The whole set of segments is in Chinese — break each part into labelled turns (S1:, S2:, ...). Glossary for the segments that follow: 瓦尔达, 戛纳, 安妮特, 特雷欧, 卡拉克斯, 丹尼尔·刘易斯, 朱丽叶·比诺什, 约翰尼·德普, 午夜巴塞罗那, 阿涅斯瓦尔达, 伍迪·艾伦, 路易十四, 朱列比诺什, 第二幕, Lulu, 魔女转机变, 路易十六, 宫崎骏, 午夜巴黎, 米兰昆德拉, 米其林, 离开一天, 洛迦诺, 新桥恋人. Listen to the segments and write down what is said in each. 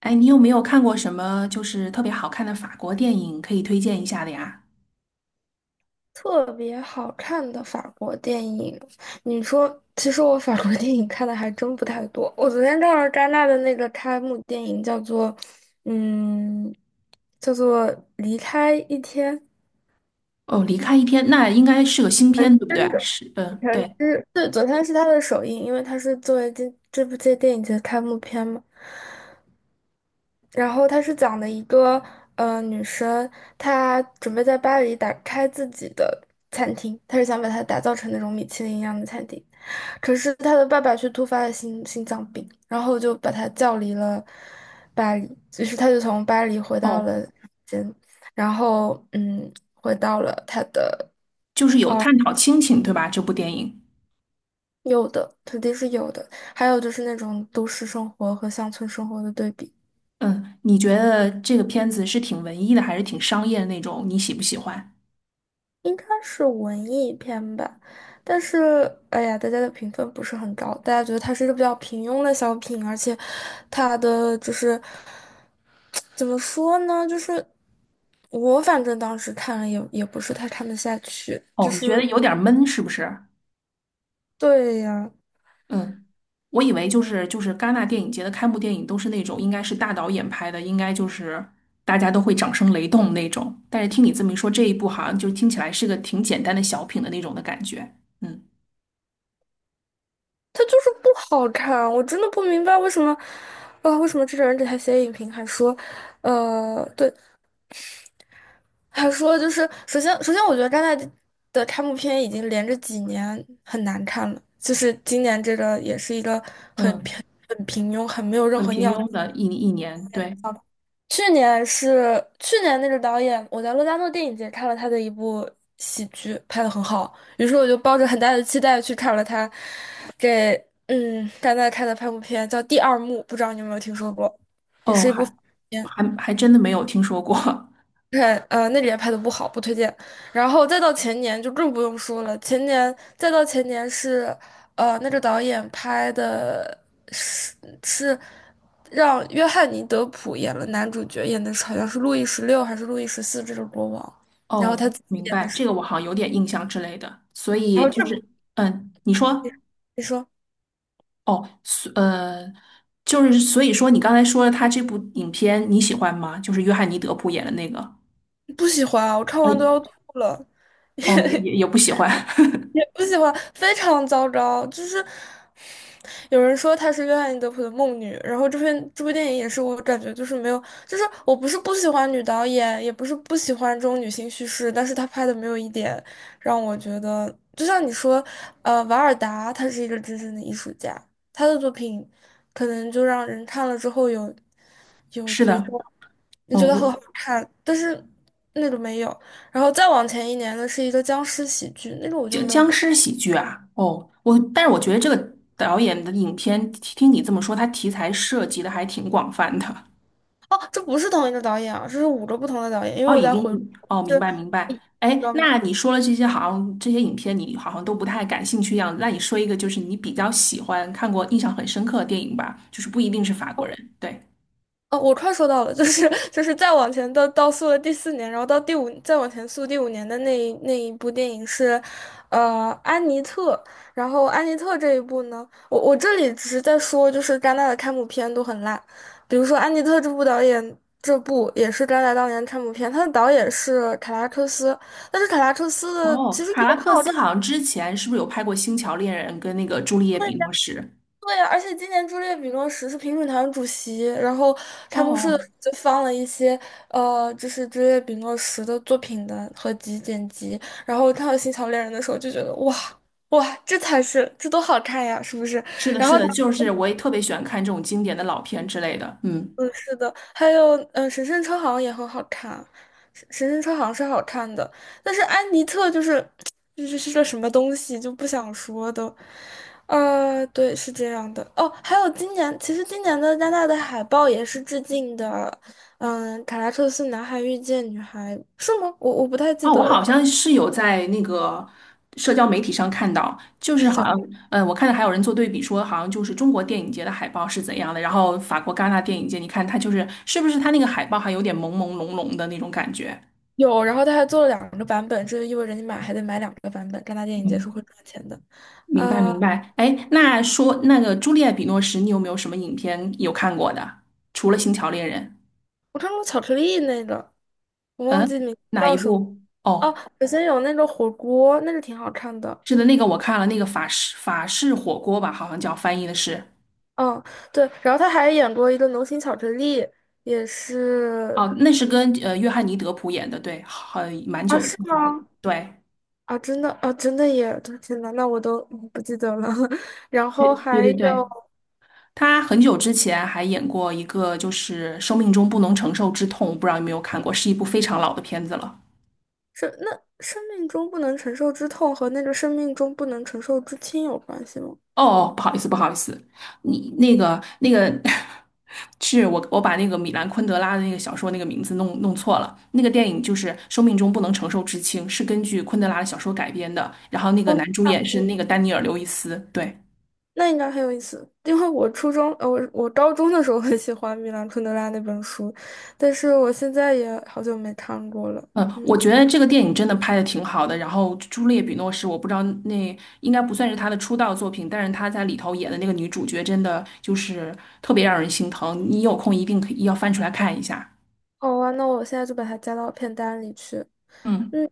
S1: 哎，你有没有看过什么就是特别好看的法国电影可以推荐一下的呀？
S2: 特别好看的法国电影，你说，其实我法国电影看的还真不太多。我昨天看了戛纳的那个开幕电影，嗯，叫做《离开一天》，
S1: 哦，离开一天，那应该是个新片，对不对？
S2: 真的，
S1: 是，
S2: 李
S1: 嗯，
S2: 承
S1: 对，
S2: 之。对，昨天是他的首映，因为他是作为这电影节的开幕片嘛。然后他是讲的一个女生，她准备在巴黎打开自己的餐厅，她是想把它打造成那种米其林一样的餐厅。可是他的爸爸却突发了心脏病，然后就把他叫离了巴黎，于是他就从巴黎回到
S1: 哦，
S2: 了间，然后回到了他的，
S1: 就是有探讨亲情，对吧？这部电影。
S2: 有的肯定是有的，还有就是那种都市生活和乡村生活的对比。
S1: 嗯，你觉得这个片子是挺文艺的，还是挺商业的那种？你喜不喜欢？
S2: 应该是文艺片吧，但是哎呀，大家的评分不是很高，大家觉得它是一个比较平庸的小品，而且它的就是怎么说呢，就是我反正当时看了也不是太看得下去，
S1: 哦，
S2: 就
S1: 你觉得
S2: 是，
S1: 有点闷，是不是？
S2: 对呀，
S1: 嗯，我以为就是戛纳电影节的开幕电影都是那种应该是大导演拍的，应该就是大家都会掌声雷动那种。但是听你这么一说，这一部好像就听起来是个挺简单的小品的那种的感觉。嗯
S2: 它就是不好看，我真的不明白为什么，啊、为什么这种人给他写影评还说，对。他说就是，首先我觉得戛纳的开幕片已经连着几年很难看了，就是今年这个也是一个
S1: 嗯，
S2: 很平庸、很没有任
S1: 很
S2: 何
S1: 平
S2: 尿点。
S1: 庸的一年，对。
S2: 去年那个导演，我在洛迦诺电影节看了他的一部喜剧，拍的很好，于是我就抱着很大的期待去看了他给戛纳开的开幕片，叫《第二幕》，不知道你有没有听说过，也
S1: 哦，
S2: 是一部。
S1: 还真的没有听说过。
S2: 看，呃，那里也拍的不好，不推荐。然后再到前年就更不用说了，前年再到前年是，呃，那个导演拍的是，是让约翰尼·德普演了男主角，演的是好像是路易十六还是路易十四这个国王，然后
S1: 哦，
S2: 他自己
S1: 明
S2: 演的
S1: 白，
S2: 是，
S1: 这个我好像有点印象之类的。所
S2: 然
S1: 以
S2: 后
S1: 就
S2: 这部
S1: 是，嗯，你说。
S2: 片，你说，
S1: 哦，就是所以说，你刚才说他这部影片你喜欢吗？就是约翰尼·德普演的那个。
S2: 不喜欢啊，我看
S1: 哎，
S2: 完都要吐了。
S1: 哦，也不喜欢。
S2: 也不喜欢，非常糟糕。就是有人说她是约翰尼德普的梦女，然后这篇这部电影也是，我感觉就是没有，就是我不是不喜欢女导演，也不是不喜欢这种女性叙事，但是她拍的没有一点让我觉得，就像你说，呃，瓦尔达她是一个真正的艺术家，她的作品可能就让人看了之后有，
S1: 是的。
S2: 觉得。你
S1: 哦，
S2: 觉得很
S1: 我
S2: 好看，但是那个没有。然后再往前一年的是一个僵尸喜剧，那个我就
S1: 僵
S2: 没有
S1: 僵
S2: 看。
S1: 尸喜剧啊，哦，我但是我觉得这个导演的影片，听你这么说，他题材涉及的还挺广泛的。
S2: 哦，这不是同一个导演啊，这是五个不同的导演，因为
S1: 哦，
S2: 我
S1: 已
S2: 在
S1: 经。
S2: 回顾，
S1: 哦，明
S2: 这，
S1: 白明白。
S2: 你知
S1: 哎，
S2: 那个。哦，
S1: 那你说了这些，好像这些影片你好像都不太感兴趣一样。那你说一个，就是你比较喜欢、看过、印象很深刻的电影吧，就是不一定是法国人。对。
S2: 哦，我快说到了，就是，就是再往前到溯了第四年，然后到第五，再往前溯第五年的那一部电影是，呃，《安妮特》。然后《安妮特》这一部呢，我这里只是在说，就是戛纳的开幕片都很烂，比如说《安妮特》这部导演，这部也是戛纳当年的开幕片，他的导演是凯拉克斯，但是凯拉克斯的
S1: 哦，
S2: 其实
S1: 卡
S2: 友
S1: 拉克
S2: 好。
S1: 斯好像之前是不是有拍过《星桥恋人》跟那个《朱丽叶比诺什》？
S2: 对呀，而且今年朱列比诺什是评审团主席，然后开幕式的时
S1: 哦，
S2: 候就放了一些，呃，就是朱列比诺什的作品的合集剪辑，然后看到《新桥恋人》的时候就觉得哇，哇，这才是，这多好看呀，是不是？
S1: 是的，
S2: 然后，
S1: 是的，就是我也特别喜欢看这种经典的老片之类的。嗯，
S2: 是的，还有，神圣车好像也很好看，神圣车好像是好看的，但是安妮特就是，就是是个什么东西就不想说的，呃，对，是这样的。哦，还有今年，其实今年的戛纳的海报也是致敬的，嗯，卡拉克斯男孩遇见女孩是吗？我不太记
S1: 哦，
S2: 得
S1: 我好
S2: 了，
S1: 像是有在那个社交媒体上看到，就是 好像，
S2: 想，
S1: 嗯，我看到还有人做对比说，好像就是中国电影节的海报是怎样的，然后法国戛纳电影节，你看它就是是不是它那个海报还有点朦朦胧胧的那种感觉？
S2: 有，然后他还做了两个版本，这就意味着你买还得买两个版本，戛纳电影节是
S1: 嗯，
S2: 会赚钱的。
S1: 明白
S2: 呃，
S1: 明白。哎，那说那个朱丽叶·比诺什，你有没有什么影片有看过的？除了《星桥恋人》。
S2: 我看过巧克力那个，我忘
S1: 嗯，
S2: 记名字
S1: 哪一
S2: 叫什么。
S1: 部？
S2: 哦，
S1: 哦，
S2: 北先有那个火锅，那个挺好看的。
S1: 是的，那个我看了，那个法式火锅吧，好像叫翻译的是。
S2: 嗯，对，然后他还演过一个《流行巧克力》，也是。
S1: 哦，那是跟约翰尼·德普演的，对，很蛮
S2: 啊，
S1: 久的
S2: 是
S1: 片子，
S2: 吗？
S1: 对。
S2: 啊，真的啊，真的耶！天呐，那我都不记得了。然
S1: 对
S2: 后
S1: 对
S2: 还
S1: 对
S2: 有，
S1: 对，他很久之前还演过一个，就是《生命中不能承受之痛》，不知道有没有看过，是一部非常老的片子了。
S2: 是那，《生命中不能承受之痛》和那个《生命中不能承受之轻》有关系吗？
S1: 哦，哦不好意思，不好意思，你那个 是我把那个米兰昆德拉的那个小说那个名字弄错了。那个电影就是《生命中不能承受之轻》，是根据昆德拉的小说改编的。然后那个男主演是那个丹尼尔·刘易斯。对，
S2: 那应该很有意思，因为我初中，呃，我高中的时候很喜欢米兰昆德拉那本书，但是我现在也好久没看过了。
S1: 嗯，我
S2: 嗯，
S1: 觉得这个电影真的拍的挺好的。然后朱丽叶·比诺是我不知道那应该不算是他的出道作品，但是他在里头演的那个女主角真的就是特别让人心疼。你有空一定可以要翻出来看一下。
S2: 好啊，那我现在就把它加到片单里去。
S1: 嗯。
S2: 嗯，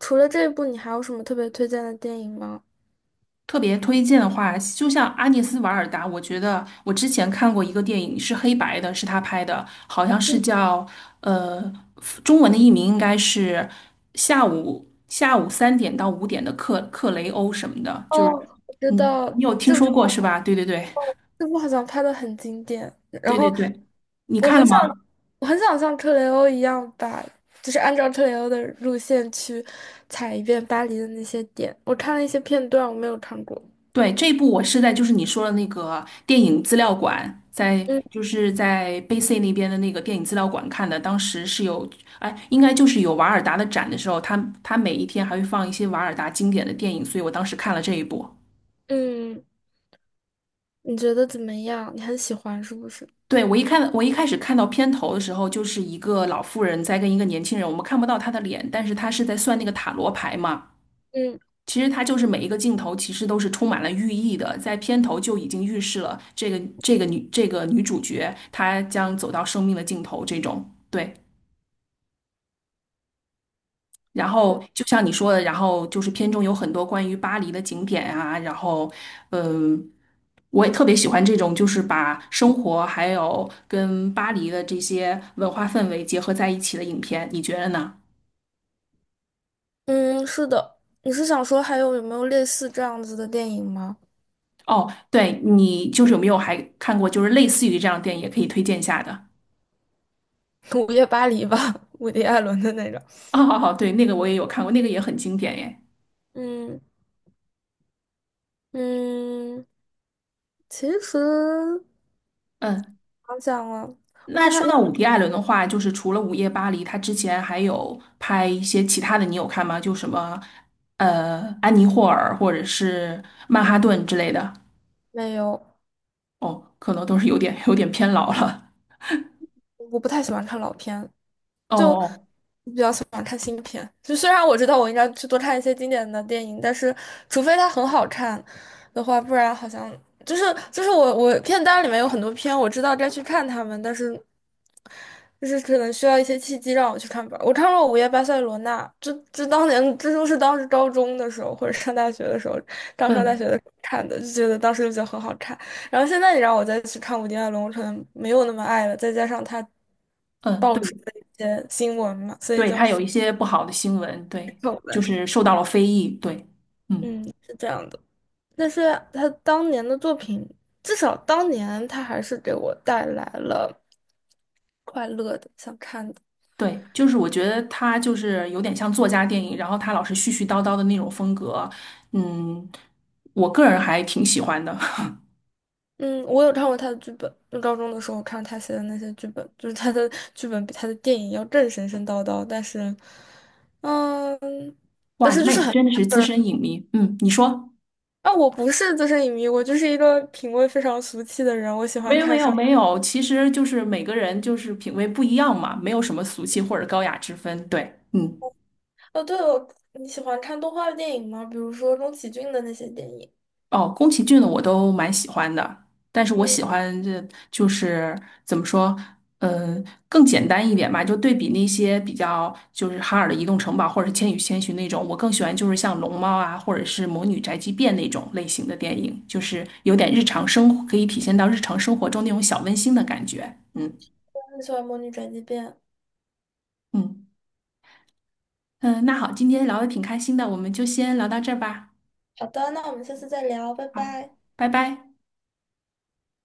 S2: 除了这一部，你还有什么特别推荐的电影吗？
S1: 特别推荐的话，就像阿涅斯瓦尔达，我觉得我之前看过一个电影是黑白的，是他拍的，好像是叫呃，中文的译名应该是下午3点到5点的克雷欧什么的，就是
S2: 哦，我知
S1: 你
S2: 道
S1: 有听说过是吧？对对对
S2: 这部好像拍的很经典，然
S1: 对对
S2: 后
S1: 对，你
S2: 我
S1: 看
S2: 很
S1: 了吗？
S2: 想，我很想像特雷欧一样把，就是按照特雷欧的路线去踩一遍巴黎的那些点。我看了一些片段，我没有看过。
S1: 对，这一部我是在就是你说的那个电影资料馆，在
S2: 嗯，
S1: 就是在 B C 那边的那个电影资料馆看的。当时是有，哎，应该就是有瓦尔达的展的时候，他每一天还会放一些瓦尔达经典的电影，所以我当时看了这一部。
S2: 嗯，你觉得怎么样？你很喜欢是不是？
S1: 对，我一开始看到片头的时候，就是一个老妇人在跟一个年轻人，我们看不到她的脸，但是她是在算那个塔罗牌嘛。
S2: 嗯，
S1: 其实它就是每一个镜头其实都是充满了寓意的，在片头就已经预示了这个这个女这个女主角她将走到生命的尽头这种对。然后就像你说的，然后就是片中有很多关于巴黎的景点啊，然后嗯、我也特别喜欢这种就是把生活还有跟巴黎的这些文化氛围结合在一起的影片，你觉得呢？
S2: 嗯，是的。你是想说还有有没有类似这样子的电影吗？
S1: 哦，对，你就是有没有还看过就是类似于这样的电影，也可以推荐一下的。
S2: 午夜巴黎吧，伍迪·艾伦的那种。
S1: 哦哦哦，对，那个我也有看过，那个也很经典耶。
S2: 嗯，嗯，其实
S1: 嗯，
S2: 想想啊，我
S1: 那
S2: 看看
S1: 说
S2: 你
S1: 到
S2: 有
S1: 伍迪·艾伦的话，就是除了《午夜巴黎》，他之前还有拍一些其他的，你有看吗？就什么《安妮霍尔》或者是《曼哈顿》之类的。
S2: 没有，
S1: 哦，可能都是有点偏老了。
S2: 我不太喜欢看老片，
S1: 哦
S2: 就
S1: 哦，
S2: 比较喜欢看新片。就虽然我知道我应该去多看一些经典的电影，但是除非它很好看的话，不然好像就是，就是我片单里面有很多片，我知道该去看它们，但是就是可能需要一些契机让我去看吧。我看过《午夜巴塞罗那》，这都是当时高中的时候或者上大学的时候，刚上大
S1: 嗯
S2: 学的时候看的，就觉得当时就觉得很好看。然后现在你让我再去看《武丁爱龙城》，没有那么爱了，再加上他
S1: 嗯，
S2: 爆
S1: 对
S2: 出的一些新闻嘛，所以
S1: 对，
S2: 就，
S1: 他有一些不好的新闻，对，
S2: 丑
S1: 就
S2: 闻，
S1: 是受到了非议，对，嗯。
S2: 嗯，是这样的。但是他当年的作品，至少当年他还是给我带来了快乐的、想看的。
S1: 对，就是我觉得他就是有点像作家电影，然后他老是絮絮叨叨的那种风格，嗯，我个人还挺喜欢的。
S2: 嗯，我有看过他的剧本，就高中的时候看他写的那些剧本，就是他的剧本比他的电影要更神神叨叨，但是，嗯。
S1: 哇，那你真的是资深影迷，嗯，你说？
S2: 啊，我不是资深影迷，我就是一个品味非常俗气的人。我喜
S1: 没
S2: 欢
S1: 有
S2: 看
S1: 没有
S2: 商……
S1: 没有，其实就是每个人就是品味不一样嘛，没有什么俗气或者高雅之分。对，嗯。
S2: 哦，对哦，你喜欢看动画电影吗？比如说宫崎骏的那些电影。
S1: 哦，宫崎骏的我都蛮喜欢的，但是我
S2: 嗯，
S1: 喜欢就是怎么说，嗯，更简单一点吧，就对比那些比较就是哈尔的《移动城堡》或者是《千与千寻》那种，我更喜欢就是像《龙猫》啊，或者是《魔女宅急便》那种类型的电影，就是有点日常生活，可以体现到日常生活中那种小温馨的感觉。嗯
S2: 我很喜欢《魔女转机变》。
S1: 嗯嗯，那好，今天聊的挺开心的，我们就先聊到这儿吧。
S2: 好的，那我们下次再聊，拜
S1: 好，
S2: 拜。
S1: 拜拜。